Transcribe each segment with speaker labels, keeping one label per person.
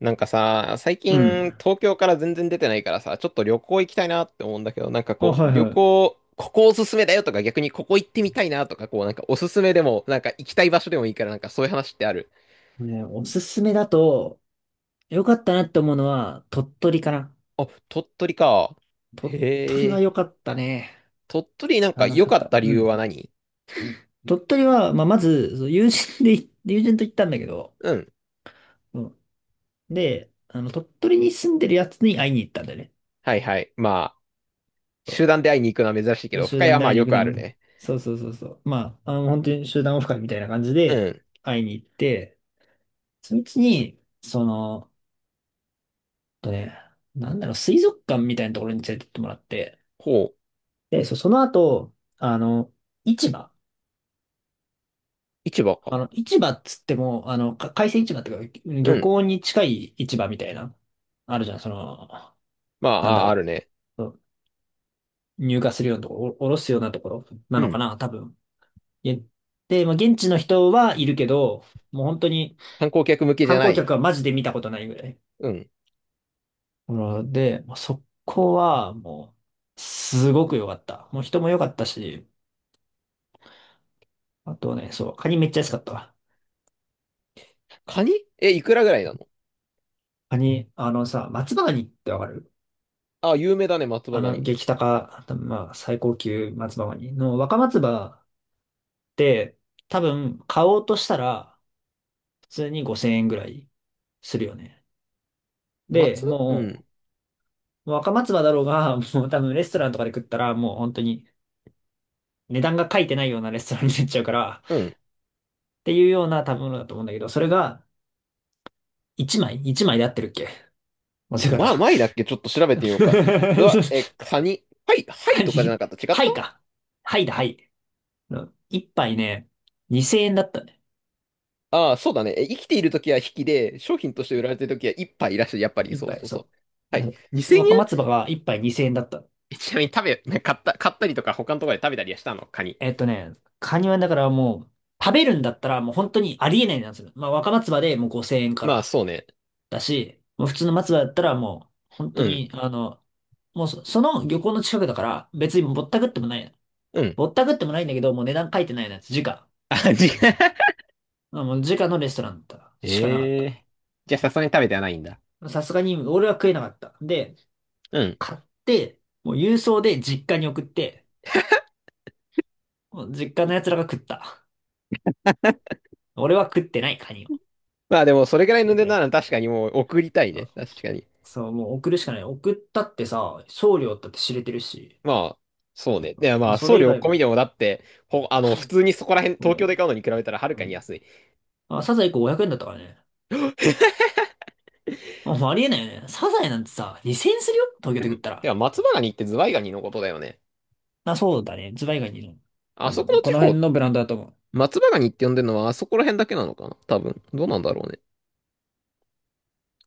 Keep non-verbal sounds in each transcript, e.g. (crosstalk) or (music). Speaker 1: なんかさ、最
Speaker 2: う
Speaker 1: 近
Speaker 2: ん。
Speaker 1: 東京から全然出てないからさ、ちょっと旅行行きたいなって思うんだけど、なんか
Speaker 2: あ、
Speaker 1: こ
Speaker 2: は
Speaker 1: う、
Speaker 2: い
Speaker 1: 旅
Speaker 2: は
Speaker 1: 行、ここおすすめだよとか逆にここ行ってみたいなとか、こうなんかおすすめでも、なんか行きたい場所でもいいから、なんかそういう話ってある？
Speaker 2: い。ね、おすすめだと、良かったなって思うのは、鳥取かな。
Speaker 1: あ、鳥取か。
Speaker 2: 鳥取
Speaker 1: へ
Speaker 2: は良
Speaker 1: え。
Speaker 2: かったね。
Speaker 1: 鳥取なんか
Speaker 2: 楽し
Speaker 1: 良
Speaker 2: かっ
Speaker 1: かっ
Speaker 2: た。
Speaker 1: た理
Speaker 2: う
Speaker 1: 由
Speaker 2: ん。
Speaker 1: は何？
Speaker 2: 鳥取は、まあ、まず、そう友人と行ったんだけど、
Speaker 1: うん。
Speaker 2: うん。で、鳥取に住んでるやつに会いに行ったんだよね。
Speaker 1: はいはい。まあ、
Speaker 2: そう。
Speaker 1: 集団で会いに行くのは珍しいけ
Speaker 2: そう
Speaker 1: ど、深
Speaker 2: 集
Speaker 1: 谷
Speaker 2: 団
Speaker 1: は
Speaker 2: で
Speaker 1: ま
Speaker 2: 会
Speaker 1: あ
Speaker 2: いに行
Speaker 1: よ
Speaker 2: く
Speaker 1: く
Speaker 2: た
Speaker 1: あ
Speaker 2: め
Speaker 1: る
Speaker 2: に。
Speaker 1: ね。
Speaker 2: そうそうそうそう。まあ、本当に集団オフ会みたいな感じ
Speaker 1: う
Speaker 2: で
Speaker 1: ん。
Speaker 2: 会いに行って、そのうちに、えっとね、なんだろう、水族館みたいなところに連れてってもらって、
Speaker 1: ほう。
Speaker 2: で、その後、市場。
Speaker 1: 市場か。
Speaker 2: 市場っつっても、海鮮市場っていうか、
Speaker 1: う
Speaker 2: 漁
Speaker 1: ん。
Speaker 2: 港に近い市場みたいな、あるじゃん、
Speaker 1: まあ、
Speaker 2: なんだ
Speaker 1: あ、あ
Speaker 2: ろ
Speaker 1: るね。
Speaker 2: う。そう入荷するようなところ、おろすようなところな
Speaker 1: う
Speaker 2: のか
Speaker 1: ん。
Speaker 2: な、多分。えで、まあ、現地の人はいるけど、もう本当に
Speaker 1: 観光客向けじ
Speaker 2: 観
Speaker 1: ゃな
Speaker 2: 光
Speaker 1: い？
Speaker 2: 客はマジで見たことないぐらい。
Speaker 1: うん。
Speaker 2: うんで、まあそこはもう、すごく良かった。もう人も良かったし、あとね、そう、カニめっちゃ安かったわ。
Speaker 1: カニ？え、いくらぐらいなの？
Speaker 2: カニ、あのさ、松葉ガニってわかる？
Speaker 1: あ、有名だね、松葉ガニ。
Speaker 2: 激高、多分まあ、最高級松葉ガニの若松葉って、多分買おうとしたら、普通に5000円ぐらいするよね。で、
Speaker 1: 松う
Speaker 2: も
Speaker 1: ん。
Speaker 2: う、若松葉だろうが、(laughs) もう多分レストランとかで食ったら、もう本当に値段が書いてないようなレストランになっちゃうから、っ
Speaker 1: うん。
Speaker 2: ていうような食べ物だと思うんだけど、それが1枚 ?1 枚で合ってるっけ？間違え
Speaker 1: まあ、
Speaker 2: た。
Speaker 1: 前だっけちょっと調べてみよう
Speaker 2: (laughs)
Speaker 1: か。うわ、え、カニ。はい、は
Speaker 2: は
Speaker 1: いとかじゃな
Speaker 2: い、
Speaker 1: かった。違っ
Speaker 2: はい
Speaker 1: た？
Speaker 2: か。はいだ、はい。1杯ね、2000円だったね。
Speaker 1: ああ、そうだね。え、生きているときは引きで、商品として売られているときは一杯いらっしゃる。やっぱり、
Speaker 2: 一
Speaker 1: そう
Speaker 2: 杯、
Speaker 1: そうそう。
Speaker 2: そう。
Speaker 1: はい。
Speaker 2: で、
Speaker 1: 2000円。え
Speaker 2: 若松葉
Speaker 1: ん
Speaker 2: が一杯2000円だった。
Speaker 1: えちなみに食べ、な買ったりとか他のところで食べたりはしたの、カニ？
Speaker 2: えっとね、カニはだからもう、食べるんだったらもう本当にありえないなんですよ。まあ若松葉でもう5000円か
Speaker 1: まあ、
Speaker 2: ら
Speaker 1: そうね。
Speaker 2: だし、もう普通の松葉だったらもう、本当
Speaker 1: うん。
Speaker 2: に、もうその漁港の近くだから別にぼったくってもない。
Speaker 1: うん。
Speaker 2: ぼったくってもないんだけど、もう値段書いてないやつ、時価。
Speaker 1: あ、違う。(laughs)
Speaker 2: まあもう時価のレストランだったしかなかっ
Speaker 1: え
Speaker 2: た。
Speaker 1: え、じゃあ、さすがに食べてはないんだ。
Speaker 2: さすがに俺は食えなかった。で、
Speaker 1: うん。
Speaker 2: 買って、もう郵送で実家に送って、もう実家の奴らが食った。俺は食ってない、カニを。
Speaker 1: まあ、でも、それぐらい
Speaker 2: 食
Speaker 1: の
Speaker 2: え
Speaker 1: 値
Speaker 2: てな
Speaker 1: 段な
Speaker 2: い。
Speaker 1: ら確かにもう送りたい
Speaker 2: うん
Speaker 1: ね。確かに。
Speaker 2: そう、もう送るしかない。送ったってさ、送料だって知れてるし。
Speaker 1: まあ、そうね。で、
Speaker 2: ま
Speaker 1: ま
Speaker 2: あ、
Speaker 1: あ、
Speaker 2: そ
Speaker 1: 送
Speaker 2: れ以
Speaker 1: 料
Speaker 2: 外
Speaker 1: 込
Speaker 2: も、
Speaker 1: みでもだって、ほ、あの、普通にそこら辺、
Speaker 2: そう
Speaker 1: 東
Speaker 2: だ
Speaker 1: 京で買う
Speaker 2: よ。
Speaker 1: のに比べたらはるか
Speaker 2: う
Speaker 1: に
Speaker 2: ん。
Speaker 1: 安い。
Speaker 2: あ、サザエ1個500円だったからね。
Speaker 1: (laughs)
Speaker 2: まあ、もうありえないよね。サザエなんてさ、2000円するよ東京
Speaker 1: で
Speaker 2: で
Speaker 1: も、
Speaker 2: 食った
Speaker 1: (laughs) で
Speaker 2: ら。
Speaker 1: は松葉ガニってズワイガニのことだよね。
Speaker 2: まあ、そうだね。ズバ以外にいるの？
Speaker 1: あ
Speaker 2: 多
Speaker 1: そこの
Speaker 2: 分、こ
Speaker 1: 地
Speaker 2: の
Speaker 1: 方、
Speaker 2: 辺のブランドだと思う。
Speaker 1: 松葉ガニって呼んでるのはあそこら辺だけなのかな多分。どうなんだろうね。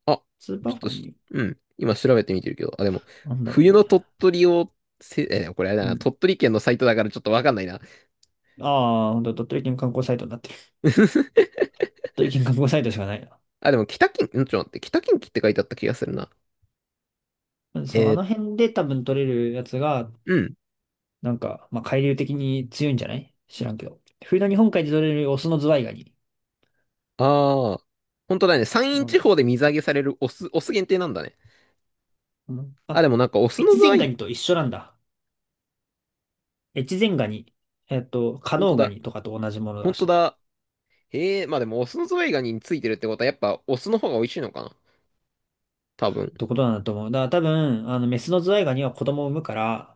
Speaker 1: あ、
Speaker 2: スーパ
Speaker 1: ち
Speaker 2: ー
Speaker 1: ょっ
Speaker 2: フ
Speaker 1: と
Speaker 2: ァ
Speaker 1: し、
Speaker 2: ニ
Speaker 1: うん。今調べてみてるけど。あ、でも、
Speaker 2: ー。なんだろう
Speaker 1: 冬の
Speaker 2: ね。
Speaker 1: 鳥取を、これあれだ
Speaker 2: う
Speaker 1: な。
Speaker 2: ん。
Speaker 1: 鳥取県のサイトだからちょっとわかんないな。
Speaker 2: ああ、ほんと、鳥取県観光サイトになってる。
Speaker 1: (laughs)
Speaker 2: 鳥取県観光サイトしかない
Speaker 1: あ、でも北近、んちょっと待って。北近畿って書いてあった気がするな。
Speaker 2: な。
Speaker 1: え
Speaker 2: そう、あの
Speaker 1: ー
Speaker 2: 辺で多分取れるやつが
Speaker 1: うん。
Speaker 2: なんか、まあ、海流的に強いんじゃない？知らんけど。冬の日本海で取れるオスのズワイガニ。
Speaker 1: ああ、本当だね。山
Speaker 2: な
Speaker 1: 陰
Speaker 2: るほ
Speaker 1: 地
Speaker 2: ど。
Speaker 1: 方で水揚げされるオス限定なんだね。
Speaker 2: うん
Speaker 1: あ、
Speaker 2: あ、
Speaker 1: でもなんかオスの
Speaker 2: 越
Speaker 1: ズワ
Speaker 2: 前ガ
Speaker 1: イ、
Speaker 2: ニと一緒なんだ。越前ガニ。加
Speaker 1: 本当
Speaker 2: 能ガ
Speaker 1: だ。
Speaker 2: ニとかと同じもの
Speaker 1: 本
Speaker 2: だ
Speaker 1: 当
Speaker 2: し。
Speaker 1: だ。へえ、まあでもオスのズワイガニについてるってことはやっぱオスの方が美味しいのかな、多分。
Speaker 2: ってことなんだと思う。だから多分、メスのズワイガニは子供を産むから、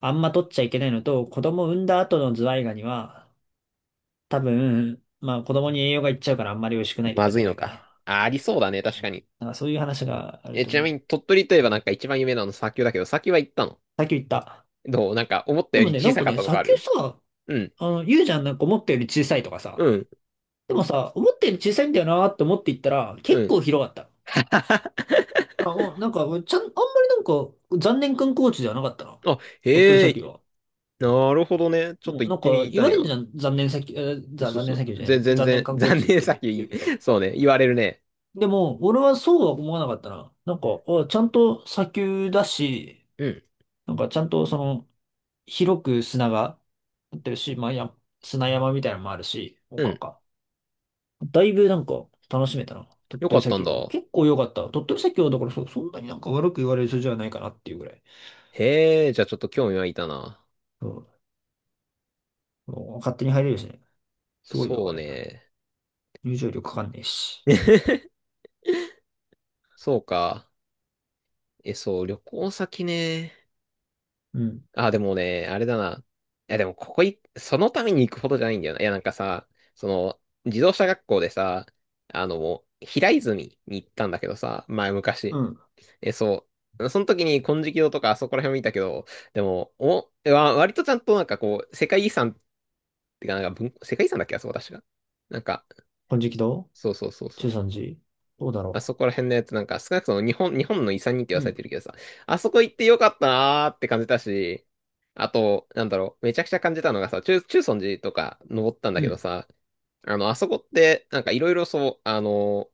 Speaker 2: あんま取っちゃいけないのと、子供を産んだ後のズワイガニは、多分、まあ子供に栄養がいっちゃうからあんまり美味しくないと
Speaker 1: ま
Speaker 2: かじ
Speaker 1: ず
Speaker 2: ゃ
Speaker 1: い
Speaker 2: な
Speaker 1: の
Speaker 2: いか
Speaker 1: か。
Speaker 2: な。
Speaker 1: あ、ありそうだね、確かに。
Speaker 2: なんかそういう話がある
Speaker 1: え、
Speaker 2: と
Speaker 1: ちな
Speaker 2: 思
Speaker 1: み
Speaker 2: う。
Speaker 1: に鳥取といえばなんか一番有名なの砂丘だけど、砂丘は行ったの？
Speaker 2: さっき言った。
Speaker 1: どう、なんか思った
Speaker 2: で
Speaker 1: よ
Speaker 2: も
Speaker 1: り
Speaker 2: ね、な
Speaker 1: 小
Speaker 2: ん
Speaker 1: さ
Speaker 2: か
Speaker 1: かっ
Speaker 2: ね、
Speaker 1: たと
Speaker 2: さ
Speaker 1: かあ
Speaker 2: っき
Speaker 1: る？
Speaker 2: さ、
Speaker 1: うん、
Speaker 2: 言うじゃん、なんか思ったより小さいとか
Speaker 1: う
Speaker 2: さ。
Speaker 1: ん、
Speaker 2: でもさ、思ったより小さいんだよなーって思っていったら、
Speaker 1: う
Speaker 2: 結
Speaker 1: ん。
Speaker 2: 構広かった。
Speaker 1: (laughs)
Speaker 2: あ、おなんか、ちゃん、あんまりなんか、残念観光地ではなかったな。
Speaker 1: あ、
Speaker 2: 鳥取
Speaker 1: へ
Speaker 2: 砂丘
Speaker 1: え、
Speaker 2: は。
Speaker 1: なるほどね。ちょっ
Speaker 2: も
Speaker 1: と
Speaker 2: う
Speaker 1: 行
Speaker 2: な
Speaker 1: っ
Speaker 2: ん
Speaker 1: て
Speaker 2: か、
Speaker 1: み
Speaker 2: 言
Speaker 1: た
Speaker 2: わ
Speaker 1: い
Speaker 2: れる
Speaker 1: な。
Speaker 2: じゃん、残念砂丘、えーざ、
Speaker 1: そう
Speaker 2: 残
Speaker 1: そ
Speaker 2: 念砂丘
Speaker 1: う。
Speaker 2: じゃない、
Speaker 1: 全
Speaker 2: 残念
Speaker 1: 然、(laughs)
Speaker 2: 観光
Speaker 1: 残
Speaker 2: 地っ
Speaker 1: 念
Speaker 2: て
Speaker 1: さっきいい
Speaker 2: 言
Speaker 1: ね。
Speaker 2: うけど。
Speaker 1: そうね、言われるね。
Speaker 2: でも、俺はそうは思わなかったな。なんか、あ、ちゃんと砂丘だし、
Speaker 1: うん、
Speaker 2: なんかちゃんと広く砂が、ってるし、まあ、砂山みたいなのもあるし、なん
Speaker 1: うん。
Speaker 2: か。だいぶなんか楽しめたな。鳥
Speaker 1: よか
Speaker 2: 取
Speaker 1: っ
Speaker 2: 砂
Speaker 1: たん
Speaker 2: 丘
Speaker 1: だ。
Speaker 2: は。結構良かった。鳥取砂丘はだからそんなになんか悪く言われる人じゃないかなっていうぐらい。
Speaker 1: へえ、じゃあちょっと興味湧いたな。
Speaker 2: うん。もう勝手に入れるしね。すごいよ、
Speaker 1: そ
Speaker 2: あ
Speaker 1: う
Speaker 2: れ。
Speaker 1: ね。
Speaker 2: 入場料かかんねえし。
Speaker 1: (laughs) そうか。え、そう、旅行先ね。
Speaker 2: うん。
Speaker 1: あ、でもね、あれだな。いや、でもここい、そのために行くほどじゃないんだよな。いや、なんかさ、その、自動車学校でさ、あの、平泉に行ったんだけどさ、昔。
Speaker 2: うん。
Speaker 1: え、そう。その時に金色堂とかあそこら辺見たけど、でも、割とちゃんとなんかこう、世界遺産ってか、なんか世界遺産だっけあそこ確か。なんか、
Speaker 2: 金色堂、
Speaker 1: そうそうそうそ
Speaker 2: 中
Speaker 1: う。
Speaker 2: 山寺どうだ
Speaker 1: あ
Speaker 2: ろ
Speaker 1: そこら辺のやつなんか、少なくとも日本の遺産にって言
Speaker 2: う。
Speaker 1: わ
Speaker 2: う
Speaker 1: され
Speaker 2: ん。
Speaker 1: てるけどさ、あそこ行ってよかったなーって感じたし、あと、なんだろう、めちゃくちゃ感じたのがさ、中尊寺とか登ったんだ
Speaker 2: う
Speaker 1: けど
Speaker 2: ん。
Speaker 1: さ、あの、あそこって、なんかいろいろそう、あの、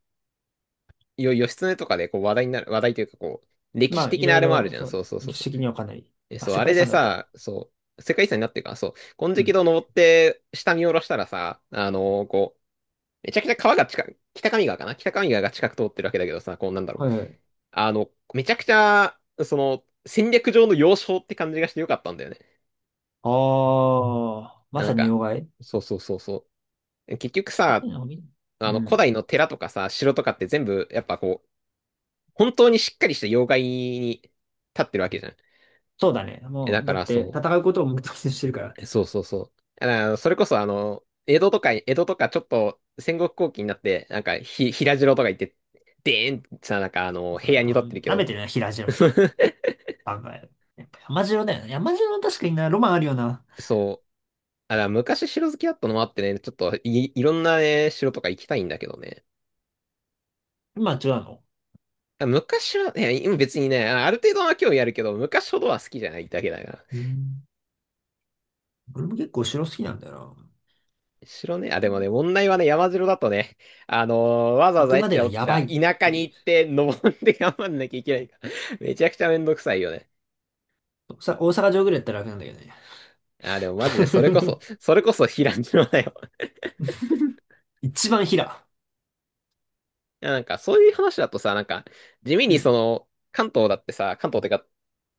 Speaker 1: 義経とかでこう話題になる、話題というかこう、歴
Speaker 2: ま
Speaker 1: 史
Speaker 2: あ、い
Speaker 1: 的な
Speaker 2: ろ
Speaker 1: あ
Speaker 2: い
Speaker 1: れもある
Speaker 2: ろ、
Speaker 1: じゃん。
Speaker 2: そう
Speaker 1: そ
Speaker 2: ね、
Speaker 1: うそうそう
Speaker 2: 歴
Speaker 1: そ
Speaker 2: 史
Speaker 1: う。
Speaker 2: 的にはかなり。
Speaker 1: え、
Speaker 2: あ、
Speaker 1: そう、
Speaker 2: 世
Speaker 1: あ
Speaker 2: 界
Speaker 1: れ
Speaker 2: 遺
Speaker 1: で
Speaker 2: 産だった。
Speaker 1: さ、そう、世界遺産になってるから、そう、金
Speaker 2: う
Speaker 1: 色
Speaker 2: ん。
Speaker 1: 堂登って、下見下ろしたらさ、あの、こう、めちゃくちゃ川が近く、北上川かな、北上川が近く通ってるわけだけどさ、こうなんだろ
Speaker 2: は
Speaker 1: う。
Speaker 2: いはい。
Speaker 1: あの、めちゃくちゃ、その、戦略上の要衝って感じがしてよかったんだよね。
Speaker 2: ああ、ま
Speaker 1: な
Speaker 2: さ
Speaker 1: ん
Speaker 2: に
Speaker 1: か、
Speaker 2: 要害。
Speaker 1: そうそうそうそう。結局
Speaker 2: そうい
Speaker 1: さ、
Speaker 2: うのを見、
Speaker 1: あ
Speaker 2: う
Speaker 1: の、古
Speaker 2: ん。
Speaker 1: 代の寺とかさ、城とかって全部、やっぱこう、本当にしっかりした要害に立ってるわけじゃん。
Speaker 2: そうだね。も
Speaker 1: だ
Speaker 2: う、
Speaker 1: か
Speaker 2: だっ
Speaker 1: ら
Speaker 2: て、
Speaker 1: そ
Speaker 2: 戦うことを目的としてるから。
Speaker 1: う、そうそうそう。だからそれこそあの、江戸とか、江戸とかちょっと戦国後期になって、なんか平城とか行って、でーんってさ、なんかあの、
Speaker 2: さ
Speaker 1: 平安に立
Speaker 2: あ、
Speaker 1: ってるけ
Speaker 2: 舐め
Speaker 1: ど、
Speaker 2: てるな、平地のって。
Speaker 1: (laughs)
Speaker 2: あ、まあ、やっぱ山城だよな。山城は確かにな、ロマンあるよな。
Speaker 1: そう。あ、だから昔城好きだったのもあってね、ちょっといろんなね、城とか行きたいんだけどね。
Speaker 2: 今は違うの？
Speaker 1: あ昔は、ね、今別にね、ある程度は興味あるけど、昔ほどは好きじゃないだけだから。
Speaker 2: うん。俺も結構城好きなんだよな。
Speaker 1: 城ね、あ、
Speaker 2: う
Speaker 1: でも
Speaker 2: ん、
Speaker 1: ね、問題はね、山城だとね、あのわざわ
Speaker 2: 行く
Speaker 1: ざえっ
Speaker 2: ま
Speaker 1: ち
Speaker 2: で
Speaker 1: ら
Speaker 2: が
Speaker 1: おっち
Speaker 2: やば
Speaker 1: ら、
Speaker 2: いっ
Speaker 1: 田舎
Speaker 2: て
Speaker 1: に
Speaker 2: い
Speaker 1: 行って、登って頑張んなきゃいけないから。めちゃくちゃめんどくさいよね。
Speaker 2: う。大阪城ぐらいやったら楽なんだけどね。
Speaker 1: あ、でもマジで、それこそ、それこそ平城だよ。
Speaker 2: (laughs) 一番平。
Speaker 1: いや、なんか、そういう話だとさ、なんか、地味
Speaker 2: う
Speaker 1: にそ
Speaker 2: ん。
Speaker 1: の、関東だってさ、関東ってか、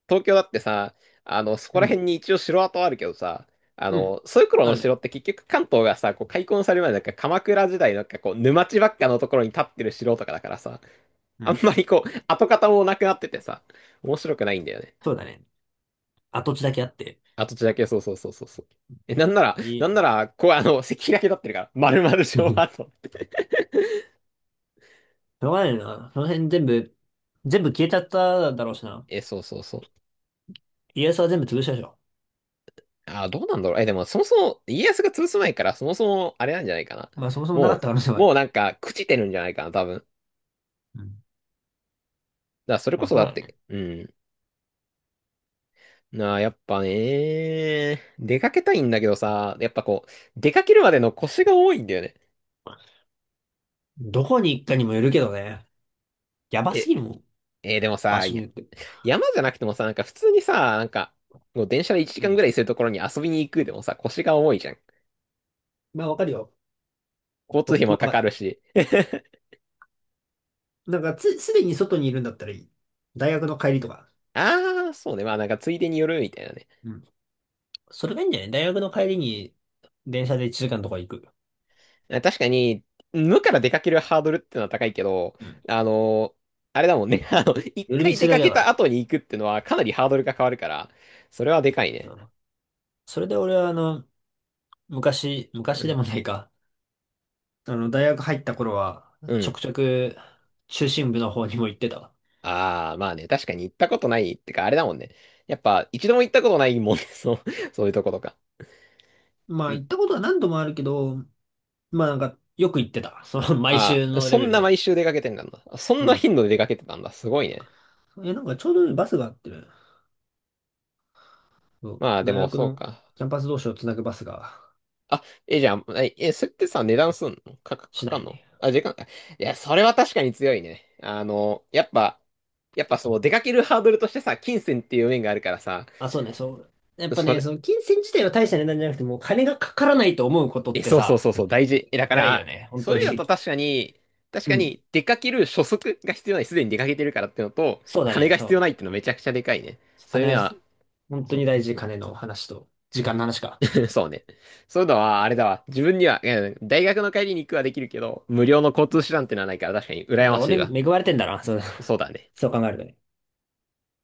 Speaker 1: 東京だってさ、あの、そこ
Speaker 2: う
Speaker 1: ら辺
Speaker 2: ん。
Speaker 1: に一応城跡あるけどさ、あ
Speaker 2: うん。
Speaker 1: の、そういう頃
Speaker 2: あ
Speaker 1: の
Speaker 2: るの
Speaker 1: 城っ
Speaker 2: よ。
Speaker 1: て結局関東がさ、こう開墾される前なんか鎌倉時代なんかこう、沼地ばっかのところに立ってる城とかだからさ、
Speaker 2: う
Speaker 1: あん
Speaker 2: ん。
Speaker 1: まりこう、跡形もなくなっててさ、面白くないんだよね。
Speaker 2: そうだね。跡地だけあって。
Speaker 1: 跡地だけ、そうそうそうそうそう。え、なんなら、
Speaker 2: い
Speaker 1: なんな
Speaker 2: い。
Speaker 1: ら、こう、あの、石碑だけ立ってるから、丸々
Speaker 2: う
Speaker 1: 城
Speaker 2: ん、
Speaker 1: 跡。
Speaker 2: しょうがないな。その辺全部、全部消えちゃっただろうしな。
Speaker 1: え、そうそうそう。
Speaker 2: 家康は全部潰したでしょ。
Speaker 1: あー、どうなんだろう。え、でも、そもそも、家康が潰す前から、そもそも、あれなんじゃないかな。
Speaker 2: まあそもそもなかっ
Speaker 1: も
Speaker 2: た可能性も
Speaker 1: う、
Speaker 2: ある。
Speaker 1: もうなんか、朽ちてるんじゃないかな、多分。だか
Speaker 2: うん。
Speaker 1: ら、それ
Speaker 2: ま
Speaker 1: こ
Speaker 2: あ
Speaker 1: そ
Speaker 2: そ
Speaker 1: だ
Speaker 2: うだ
Speaker 1: って、
Speaker 2: ね。
Speaker 1: うん。なあ、やっぱね、出かけたいんだけどさ、やっぱこう、出かけるまでの腰が多いんだよね。
Speaker 2: どこに行くかにもよるけどね。やばす
Speaker 1: え、
Speaker 2: ぎるもん。
Speaker 1: でも
Speaker 2: 場
Speaker 1: さ、
Speaker 2: 所
Speaker 1: い
Speaker 2: に
Speaker 1: や、
Speaker 2: よって。
Speaker 1: 山じゃなくてもさ、なんか普通にさ、なんか、もう電車で1
Speaker 2: う
Speaker 1: 時間ぐ
Speaker 2: ん。
Speaker 1: らいするところに遊びに行くでもさ、腰が重いじゃん。
Speaker 2: まあ、わかるよ。
Speaker 1: 交通
Speaker 2: とっ
Speaker 1: 費
Speaker 2: て
Speaker 1: も
Speaker 2: も
Speaker 1: か
Speaker 2: わか
Speaker 1: か
Speaker 2: る。
Speaker 1: るし。(laughs)
Speaker 2: なんかすでに外にいるんだったらいい。大学の帰りとか。
Speaker 1: ああ、そうね。まあなんかついでによるみたいなね。
Speaker 2: うん。それがいいんじゃない？大学の帰りに電車で1時間とか行く。
Speaker 1: 確かに、無から出かけるハードルってのは高いけど、
Speaker 2: うん。
Speaker 1: あの、あれだもんね。(laughs) あの、一
Speaker 2: 夜道
Speaker 1: 回
Speaker 2: す
Speaker 1: 出
Speaker 2: るだ
Speaker 1: か
Speaker 2: けだ
Speaker 1: け
Speaker 2: か
Speaker 1: た
Speaker 2: ら。
Speaker 1: 後に行くってのはかなりハードルが変わるから、それはでかい
Speaker 2: う
Speaker 1: ね。
Speaker 2: ん。それで俺は昔、
Speaker 1: う
Speaker 2: 昔で
Speaker 1: ん。
Speaker 2: もないか。大学入った頃は、
Speaker 1: う
Speaker 2: ちょ
Speaker 1: ん。
Speaker 2: くちょく中心部の方にも行ってたわ。
Speaker 1: ああ、まあね、確かに行ったことないってか、あれだもんね。やっぱ、一度も行ったことないもんね。(laughs) そう、そういうとことか。
Speaker 2: ま
Speaker 1: う
Speaker 2: あ、
Speaker 1: ん。
Speaker 2: 行ったことは何度もあるけど、まあなんか、よく行ってた。毎
Speaker 1: あ
Speaker 2: 週
Speaker 1: あ、
Speaker 2: の
Speaker 1: そ
Speaker 2: レベ
Speaker 1: ん
Speaker 2: ル
Speaker 1: な
Speaker 2: で。
Speaker 1: 毎週出かけてんだな。そん
Speaker 2: う
Speaker 1: な
Speaker 2: ん。
Speaker 1: 頻度で出かけてたんだ。すごいね。
Speaker 2: なんかちょうどいいバスがあってね。そう、
Speaker 1: まあ、で
Speaker 2: 大
Speaker 1: も、
Speaker 2: 学
Speaker 1: そう
Speaker 2: の
Speaker 1: か。
Speaker 2: キャンパス同士をつなぐバスが
Speaker 1: あ、じゃあ、それってさ、値段すんのか、
Speaker 2: しな
Speaker 1: かん
Speaker 2: い。
Speaker 1: の？あ、時間か。いや、それは確かに強いね。あの、やっぱそう、出かけるハードルとしてさ、金銭っていう面があるからさ、
Speaker 2: あ、そうね、そう。やっぱ
Speaker 1: そ
Speaker 2: ね、
Speaker 1: れ、
Speaker 2: その金銭自体は大した値段じゃなくて、もう金がかからないと思うことって
Speaker 1: そうそう
Speaker 2: さ、
Speaker 1: そうそう、大事。え、だか
Speaker 2: 偉いよ
Speaker 1: ら、
Speaker 2: ね、本
Speaker 1: そう
Speaker 2: 当
Speaker 1: いうのと
Speaker 2: に。
Speaker 1: 確かに、
Speaker 2: (laughs)
Speaker 1: 確
Speaker 2: う
Speaker 1: か
Speaker 2: ん。
Speaker 1: に、出かける初速が必要ない、すでに出かけてるからってのと、
Speaker 2: そうだ
Speaker 1: 金
Speaker 2: ね、
Speaker 1: が必要
Speaker 2: そ
Speaker 1: な
Speaker 2: う。
Speaker 1: いってのめちゃくちゃでかいね。そういう
Speaker 2: 金
Speaker 1: 面
Speaker 2: は、
Speaker 1: は、
Speaker 2: 本当に
Speaker 1: そ
Speaker 2: 大事、金の話と、時間の話か。
Speaker 1: う、(laughs) そうね。そういうのは、あれだわ。自分には、うん、大学の帰りに行くはできるけど、無料の交通手段ってのはないから確かに
Speaker 2: だ
Speaker 1: 羨
Speaker 2: から
Speaker 1: ましい
Speaker 2: 俺、
Speaker 1: わ。
Speaker 2: 恵まれてんだな、そう、
Speaker 1: そうだね。
Speaker 2: (laughs) そう考えるとね。